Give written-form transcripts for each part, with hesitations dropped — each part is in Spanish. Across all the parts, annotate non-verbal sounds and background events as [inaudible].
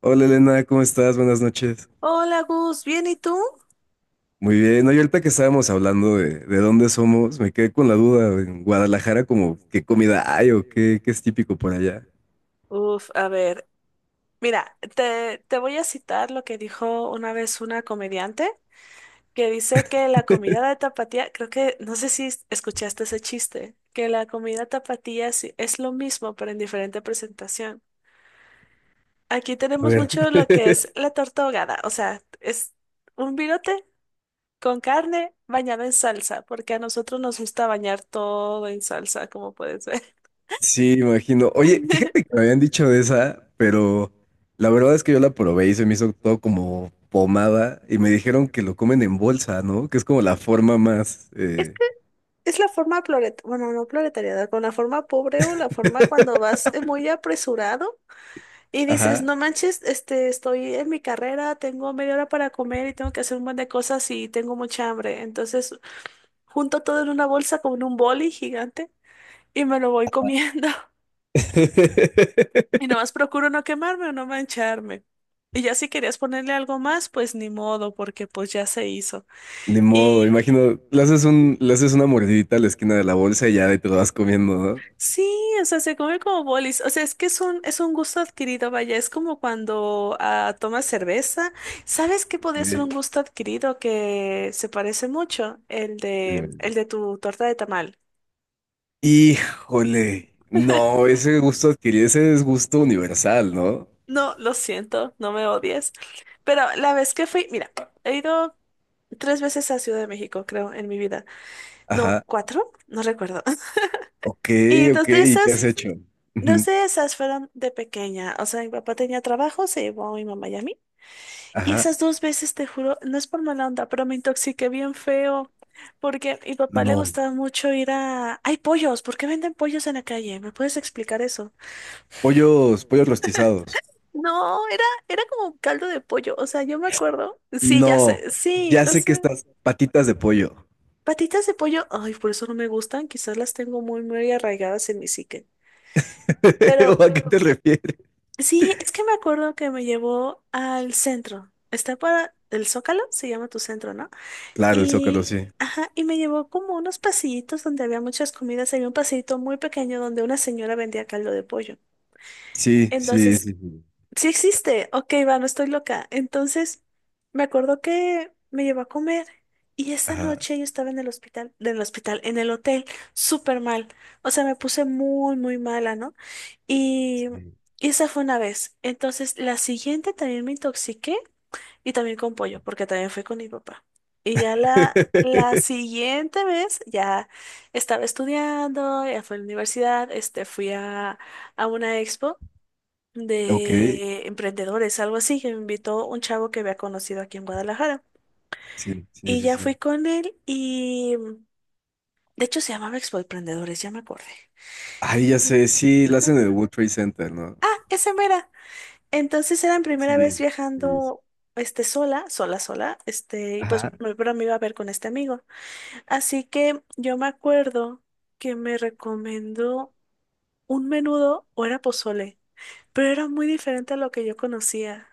Hola Elena, ¿cómo estás? Buenas noches. Hola Gus, ¿bien y tú? Muy bien. Oye, ahorita que estábamos hablando de dónde somos, me quedé con la duda. En Guadalajara, como qué comida hay o qué es típico por allá. Uf, a ver, mira, te voy a citar lo que dijo una vez una comediante que dice que la comida de tapatía, creo que, no sé si escuchaste ese chiste, que la comida tapatía es lo mismo pero en diferente presentación. Aquí A tenemos ver, mucho lo que es la torta ahogada, o sea, es un virote con carne bañada en salsa, porque a nosotros nos gusta bañar todo en salsa, como puedes ver. sí, imagino. Oye, fíjate que me [laughs] habían dicho de esa, pero la verdad es que yo la probé y se me hizo todo como pomada y me dijeron que lo comen en bolsa, ¿no? Que es como la forma más. Es la forma prolet, bueno, no proletariada, con la forma pobre o la forma cuando vas muy apresurado y dices, Ajá. no manches, este, estoy en mi carrera, tengo media hora para comer y tengo que hacer un montón de cosas y tengo mucha hambre. Entonces, junto todo en una bolsa con un boli gigante y me lo voy comiendo. [laughs] Y [laughs] nomás procuro no quemarme o no mancharme. Y ya si querías ponerle algo más, pues ni modo, porque pues ya se hizo. Ni modo, Y imagino, le haces una mordidita a la esquina de la bolsa y ya de ahí te lo vas comiendo, ¿no? sí, o sea, se come como bolis. O sea, es que es un gusto adquirido, vaya, es como cuando tomas cerveza. ¿Sabes qué podría ser Ok. un gusto adquirido que se parece mucho? El De de, ver- el de tu torta de tamal. Híjole, no, ese gusto adquirido, ese es gusto universal, ¿no? No, lo siento, no me odies. Pero la vez que fui, mira, he ido tres veces a Ciudad de México, creo, en mi vida. No, Ajá, cuatro, no recuerdo. [laughs] ok, Y dos ok, de ¿y qué esas, has hecho? dos Ujú. de esas fueron de pequeña. O sea, mi papá tenía trabajo, se llevó a mi mamá y a mí. Y Ajá, esas dos veces, te juro, no es por mala onda, pero me intoxiqué bien feo. Porque a mi papá le no, gustaba mucho Hay pollos, ¿por qué venden pollos en la calle? ¿Me puedes explicar eso? pollos, pollos rostizados. No, era como un caldo de pollo, o sea, yo me acuerdo. Sí, ya No, sé, sí, ya lo sé, sé. que estas patitas de pollo. Patitas de pollo, ay, por eso no me gustan, quizás las tengo muy, muy arraigadas en mi psique. [laughs] ¿O Pero a qué te refieres? sí, es que me acuerdo que me llevó al centro. Está para el Zócalo, se llama tu centro, ¿no? Claro, el Zócalo, Y, sí. ajá, y me llevó como unos pasillitos donde había muchas comidas. Había un pasillito muy pequeño donde una señora vendía caldo de pollo. Sí, sí, Entonces, sí, sí. sí existe. Ok, va, no estoy loca. Entonces, me acuerdo que me llevó a comer. Y esa Ajá, noche yo estaba en el hospital, en el hotel, súper mal. O sea, me puse muy, muy mala, ¿no? Y, sí. y esa fue una vez. Entonces, la siguiente también me intoxiqué. Y también con pollo, porque también fui con mi papá. Y ya la [laughs] siguiente vez ya estaba estudiando, ya fui a la universidad, este, fui a una expo Ok, de emprendedores, algo así, que me invitó un chavo que había conocido aquí en Guadalajara. sí, sí, Y sí, ya fui sí. con él y, de hecho, se llamaba Expo Emprendedores, ya me acordé. Ay, ya Y- sé, sí, la hacen ajá, en el World Trade Center, ¿no? esa mera. Entonces era mi Sí, primera vez sí, sí. viajando, este, sola, sola, sola, este, y pues Ajá. mi pero me iba a ver con este amigo. Así que yo me acuerdo que me recomendó un menudo o era pozole, pero era muy diferente a lo que yo conocía.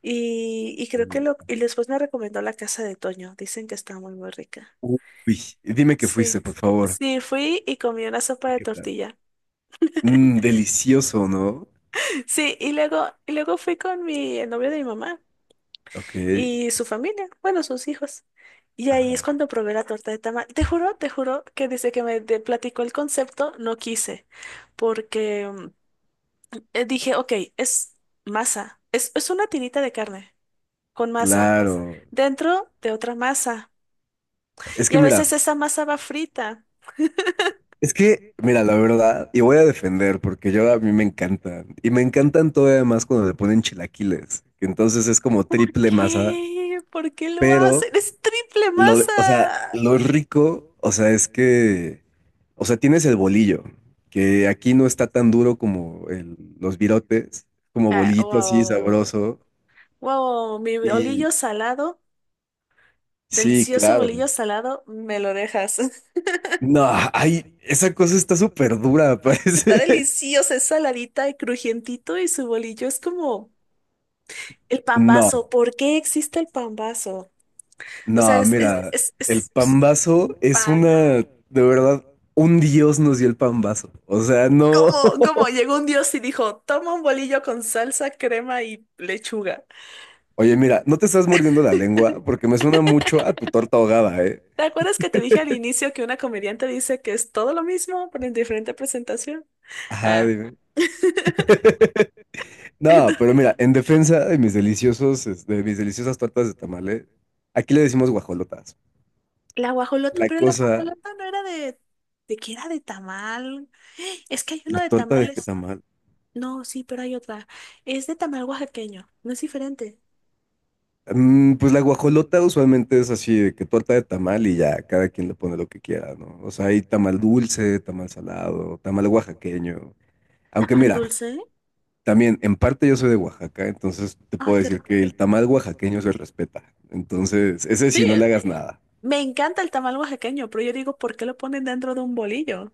Y creo Sí. Y después me recomendó la casa de Toño. Dicen que está muy, muy rica. Uy, dime que fuiste, Sí. por favor. Sí, fui y comí una sopa ¿Y de qué tal? tortilla. Mm, delicioso, ¿no? [laughs] Sí, y luego fui con mi el novio de mi mamá Ok. y su familia, bueno, sus hijos. Y ahí es Ajá, cuando probé la torta de tamal. Te juro que desde que me platicó el concepto, no quise, porque dije, ok, es masa, es una tirita de carne con masa, claro. dentro de otra masa. Es Y que a mira, veces esa masa va frita. Mira, la verdad, y voy a defender porque yo a mí me encantan. Y me encantan todavía más cuando le ponen chilaquiles, que entonces es como ¿Por triple masa. qué? ¿Por qué lo Pero, hacen? Es triple o sea, masa. lo rico, o sea, es que, o sea, tienes el bolillo, que aquí no está tan duro como los virotes, como Ah, bolillito así wow, sabroso. wow, mi y bolillo salado, Sí, delicioso claro. bolillo salado, me lo dejas. [laughs] No, ay, esa cosa está súper dura, [laughs] Está parece. delicioso, es saladita y crujientito y su bolillo es como el No, pambazo. ¿Por qué existe el pambazo? O sea, no, mira, el es pambazo es de verdad, un dios nos dio el pambazo. O sea, no. ¿Cómo, [laughs] cómo llegó un dios y dijo, toma un bolillo con salsa, crema y lechuga? Oye, mira, no te estás mordiendo la lengua porque me suena mucho a tu torta ahogada, ¿eh? ¿Te acuerdas que te dije al inicio que una comediante dice que es todo lo mismo, pero en diferente presentación? Ajá, Ah. dime. [laughs] No, Entonces, pero mira, en defensa de mis deliciosas tortas de tamales, aquí le decimos guajolotas. la guajolota, La pero la cosa, guajolota no era de. ¿De qué era de tamal? [gasps] Es que hay uno la de torta de tamales. tamal. No, sí, pero hay otra. Es de tamal oaxaqueño, no es diferente. Pues la guajolota usualmente es así, de que torta de tamal y ya, cada quien le pone lo que quiera, ¿no? O sea, hay tamal dulce, tamal salado, tamal oaxaqueño. Aunque ¿Tamal mira, dulce? también en parte yo soy de Oaxaca, entonces te Ay, puedo qué decir rico. que el tamal oaxaqueño se respeta. Entonces, ese Sí. sí, no le hagas nada. Me encanta el tamal oaxaqueño, pero yo digo, ¿por qué lo ponen dentro de un bolillo?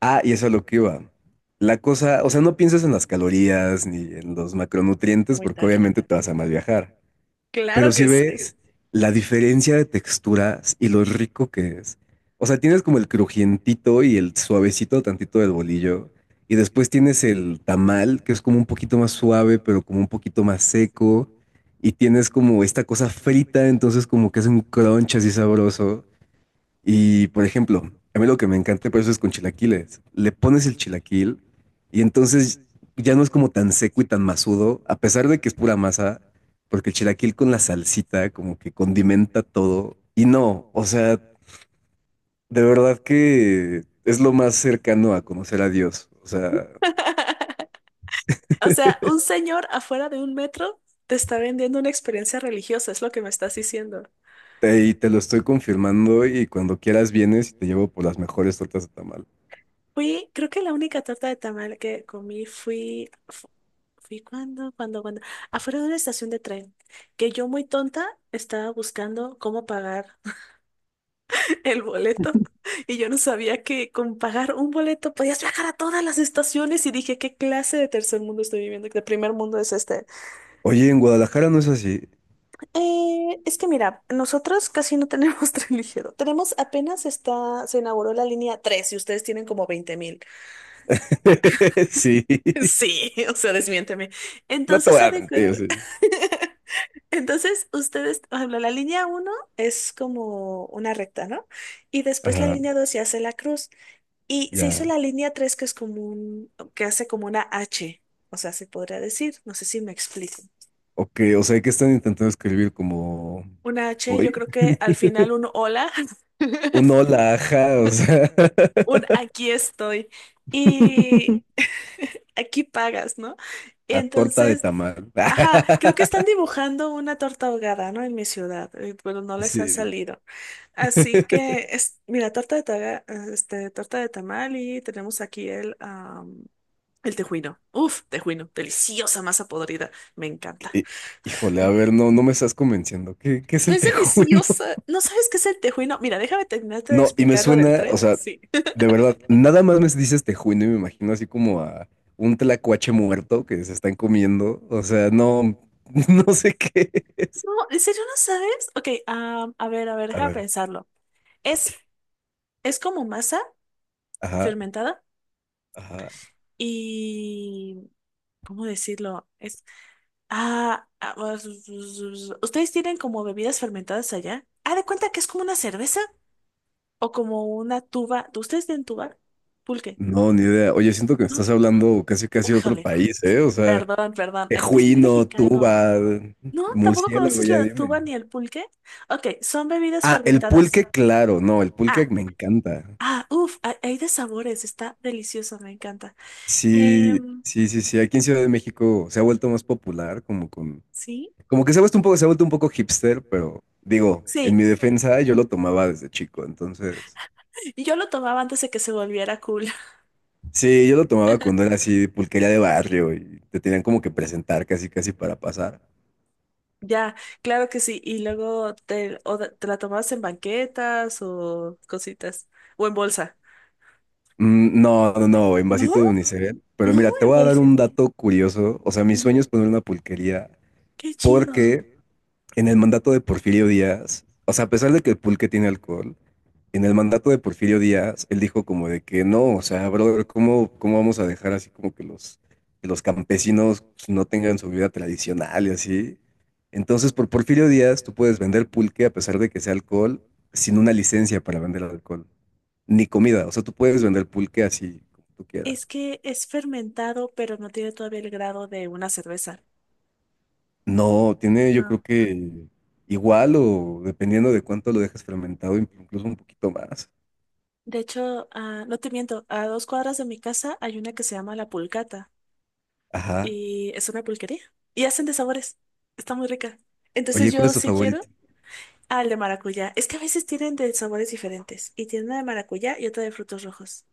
Ah, y eso es lo que iba. La cosa, o sea, no pienses en las calorías ni en los macronutrientes Muy porque tarde. obviamente te vas a mal viajar. Pero Claro si que sí. ves la diferencia de texturas y lo rico que es. O sea, tienes como el crujientito y el suavecito tantito del bolillo. Y después tienes el tamal, que es como un poquito más suave, pero como un poquito más seco. Y tienes como esta cosa frita, entonces como que es un crunch así sabroso. Y por ejemplo, a mí lo que me encanta por eso es con chilaquiles. Le pones el chilaquil y entonces ya no es como tan seco y tan masudo, a pesar de que es pura masa, porque el chilaquil con la salsita como que condimenta todo. Y no, o sea, de verdad que es lo más cercano a conocer a Dios. O sea, [laughs] O sea, un señor afuera de un metro te está vendiendo una experiencia religiosa, es lo que me estás diciendo. Y te lo estoy confirmando y cuando quieras vienes y te llevo por las mejores tortas de tamal. Fui, creo que la única torta de tamal que comí fui cuando afuera de una estación de tren, que yo muy tonta estaba buscando cómo pagar [laughs] el boleto y yo no sabía que con pagar un boleto podías viajar a todas las estaciones y dije, ¿qué clase de tercer mundo estoy viviendo? ¿Qué primer mundo es este? Oye, en Guadalajara no es así. Es que mira, nosotros casi no tenemos [laughs] tren ligero. Tenemos apenas está, se inauguró la línea 3 y ustedes tienen como 20,000. [laughs] [laughs] Sí, Sí, o sea, desmiénteme. no te voy Entonces, haz a de mentir, cuenta. sí. [laughs] Entonces, ustedes, por ejemplo, la línea 1 es como una recta, ¿no? Y después la Ajá. línea 2 ya hace la cruz. Y se hizo Ya. la línea 3 que es como que hace como una H. O sea, se podría decir, no sé si me explico. Ok, o sea, ¿que están intentando escribir como Una H, yo hoy? creo que al final un hola. Un hola, ajá, o sea, Un aquí estoy. Y [laughs] [laughs] aquí pagas, ¿no? a torta de Entonces, tamal. [laughs] ajá, creo que están dibujando una torta ahogada, ¿no? En mi ciudad, pero no les ha Sí. salido. Así que, mira, torta de este, torta de tamal y tenemos aquí el tejuino. Uf, tejuino, deliciosa masa podrida, me encanta. Hí- Híjole, a ver, no, no me estás convenciendo. ¿Qué es No el es tejuino? deliciosa, [laughs] ¿no sabes qué es el tejuino? Mira, déjame terminarte de No, y me explicar lo del suena, o tren. sea, Sí. de verdad, nada más me dices tejuino y me imagino así como a un tlacuache muerto que se están comiendo. O sea, no, [laughs] no sé qué es. No, ¿en serio no sabes? Ok, a ver, A deja ver, pensarlo. Es, es como masa ajá, fermentada ajá. y. ¿Cómo decirlo? Es. Ah, ah, us- us- ¿Ustedes tienen como bebidas fermentadas allá? Ah, de cuenta que es como una cerveza o como una tuba. ¿Ustedes tienen tuba? Pulque, No, ni idea. Oye, siento que me estás ¿no? hablando casi casi de otro Újale, país, ¿eh? O sea, perdón, perdón, es que es muy tejuino, mexicano. tuba, No, tampoco murciélago, conoces ya la dime. tuba ni el pulque. Ok, son bebidas Ah, el fermentadas. pulque, claro, no, el pulque Ah. me encanta. Ah, uff, hay de sabores, está delicioso, me encanta. Sí, Em, sí, sí, sí. Aquí en Ciudad de México se ha vuelto más popular, ¿Sí? como que se ha vuelto un poco hipster, pero digo, en Sí, mi defensa yo lo tomaba desde chico, entonces. yo lo tomaba antes de que se volviera cool. [laughs] Sí, yo lo tomaba cuando era así pulquería de barrio y te tenían como que presentar casi casi para pasar. Ya, claro que sí. Y luego te la tomabas en banquetas o cositas, o en bolsa. No, no, no, en No, vasito de unicel. Pero no, mira, te en voy a dar bolsita. un dato curioso. O sea, mi sueño es Ujú. poner una pulquería Qué chido. porque en el mandato de Porfirio Díaz, o sea, a pesar de que el pulque tiene alcohol, en el mandato de Porfirio Díaz, él dijo como de que no, o sea, brother, ¿cómo vamos a dejar así como que que los campesinos pues, no tengan su vida tradicional y así? Entonces, por Porfirio Díaz, tú puedes vender pulque a pesar de que sea alcohol, sin una licencia para vender alcohol, ni comida, o sea, tú puedes vender pulque así como tú quieras. Es que es fermentado, pero no tiene todavía el grado de una cerveza. No, tiene yo creo No. que igual o dependiendo de cuánto lo dejes fermentado, incluso un poquito más. De hecho, no te miento, a dos cuadras de mi casa hay una que se llama La Pulcata. Ajá. Y es una pulquería. Y hacen de sabores. Está muy rica. Entonces Oye, ¿cuál yo es tu sí favorito? quiero al de maracuyá. Es que a veces tienen de sabores diferentes. Y tienen una de maracuyá y otra de frutos rojos.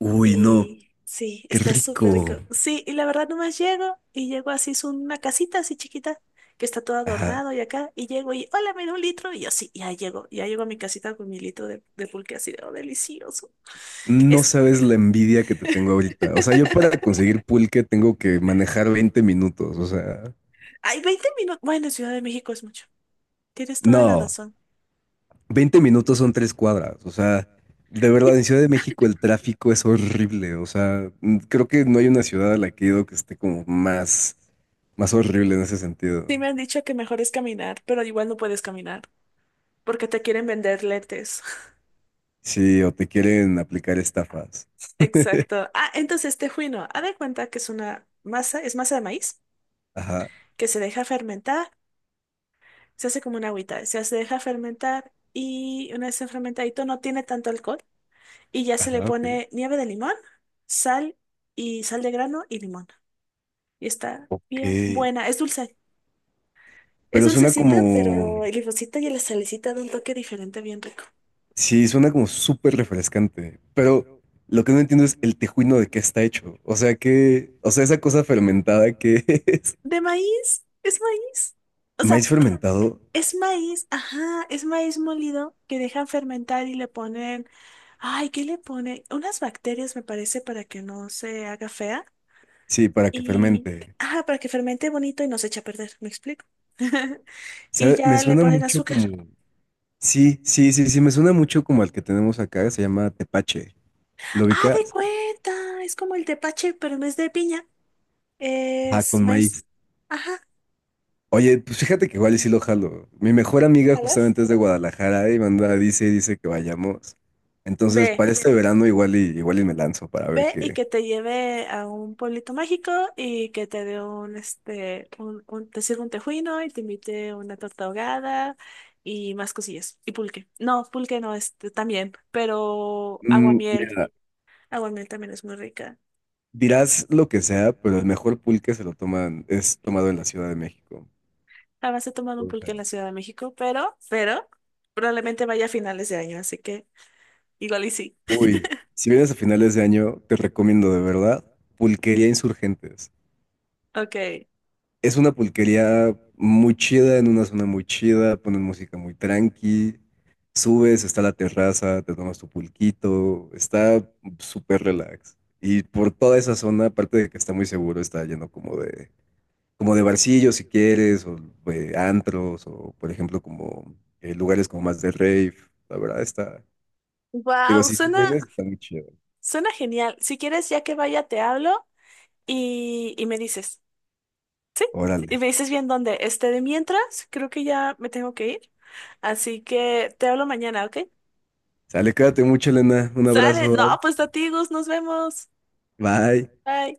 Uy, no, Y sí, qué está súper rico. rico. Sí, y la verdad nomás llego y llego así, es una casita así chiquita que está todo Ajá. adornado y acá. Y llego y, hola, me da un litro. Y yo sí, ya llego. Ya llego a mi casita con mi litro de pulque así de, "Oh, delicioso. No Es, sabes la envidia que te tengo ahorita. O sea, yo para conseguir pulque tengo que manejar 20 minutos. O sea, Hay 20 minutos. Bueno, en Ciudad de México es mucho. Tienes toda la no, razón. 20 minutos son tres cuadras. O sea, de verdad, en Ciudad de México el tráfico es horrible. O sea, creo que no hay una ciudad a la que he ido que esté como más, horrible en ese Sí sentido. me han dicho que mejor es caminar, pero igual no puedes caminar porque te quieren vender lentes. Sí, o te quieren aplicar estafas. [laughs] Exacto. Ah, entonces este juino, haz de cuenta que es una masa, es masa de maíz Ajá, que se deja fermentar, se hace como una agüita, deja fermentar y una vez se fermentadito no tiene tanto alcohol y ya se le ajá, ok. pone nieve de limón, sal y sal de grano y limón. Y está bien Ok. buena, es dulce. Es Pero suena dulcecita, como, pero el limoncito y la salecita da un toque diferente bien rico. Sí, suena como súper refrescante, pero lo que no entiendo es el tejuino de qué está hecho. O sea, o sea, esa cosa fermentada que [laughs] es ¿De maíz? ¿Es maíz? O sea, maíz fermentado, es maíz, ajá, es maíz molido que dejan fermentar y le ponen, ay, ¿qué le ponen? Unas bacterias, me parece, para que no se haga fea. sí, para que Y, fermente. ajá, para que fermente bonito y no se eche a perder, ¿me explico? [laughs] Y ¿Sabe? Me ya le suena ponen mucho azúcar. como, sí, sí, sí, sí, me suena mucho como al que tenemos acá, se llama tepache. ¿Lo Ah, de ubicas? cuenta, es como el tepache, pero en vez de piña, Ah, es con maíz. maíz. Ajá. Oye, pues fíjate que igual y sí lo jalo. Mi mejor amiga ¿Jalas? justamente es de Guadalajara y dice que vayamos. Entonces, Ve. para este verano igual y me lanzo para ver Ve y qué. que te lleve a un pueblito mágico y que te dé un, este, un, te sirva un tejuino y te invite una torta ahogada y más cosillas. Y pulque. No, pulque no, este, también, pero aguamiel. Mira, Aguamiel también es muy rica. dirás lo que sea, pero el mejor pulque es tomado en la Ciudad de México. Jamás he tomado un O pulque en sea, la Ciudad de México, pero, probablemente vaya a finales de año, así que igual y sí. uy, si vienes a finales de año, te recomiendo de verdad Pulquería Insurgentes. Ok. Es una pulquería muy chida, en una zona muy chida, ponen música muy tranqui, subes, está la terraza, te tomas tu pulquito, está súper relax. Y por toda esa zona, aparte de que está muy seguro, está lleno como de barcillo si quieres, o antros, o por ejemplo como lugares como más de rave, la verdad está, digo, Wow, si sí suena, vienes, está muy chido. suena genial. Si quieres, ya que vaya, te hablo y me dices. Y Órale, me dices bien dónde. Este, de mientras, creo que ya me tengo que ir. Así que te hablo mañana, ¿ok? sale, cuídate mucho, Elena, un Sale. abrazo, No, pues a ti, Gus, nos vemos. bye. Bye.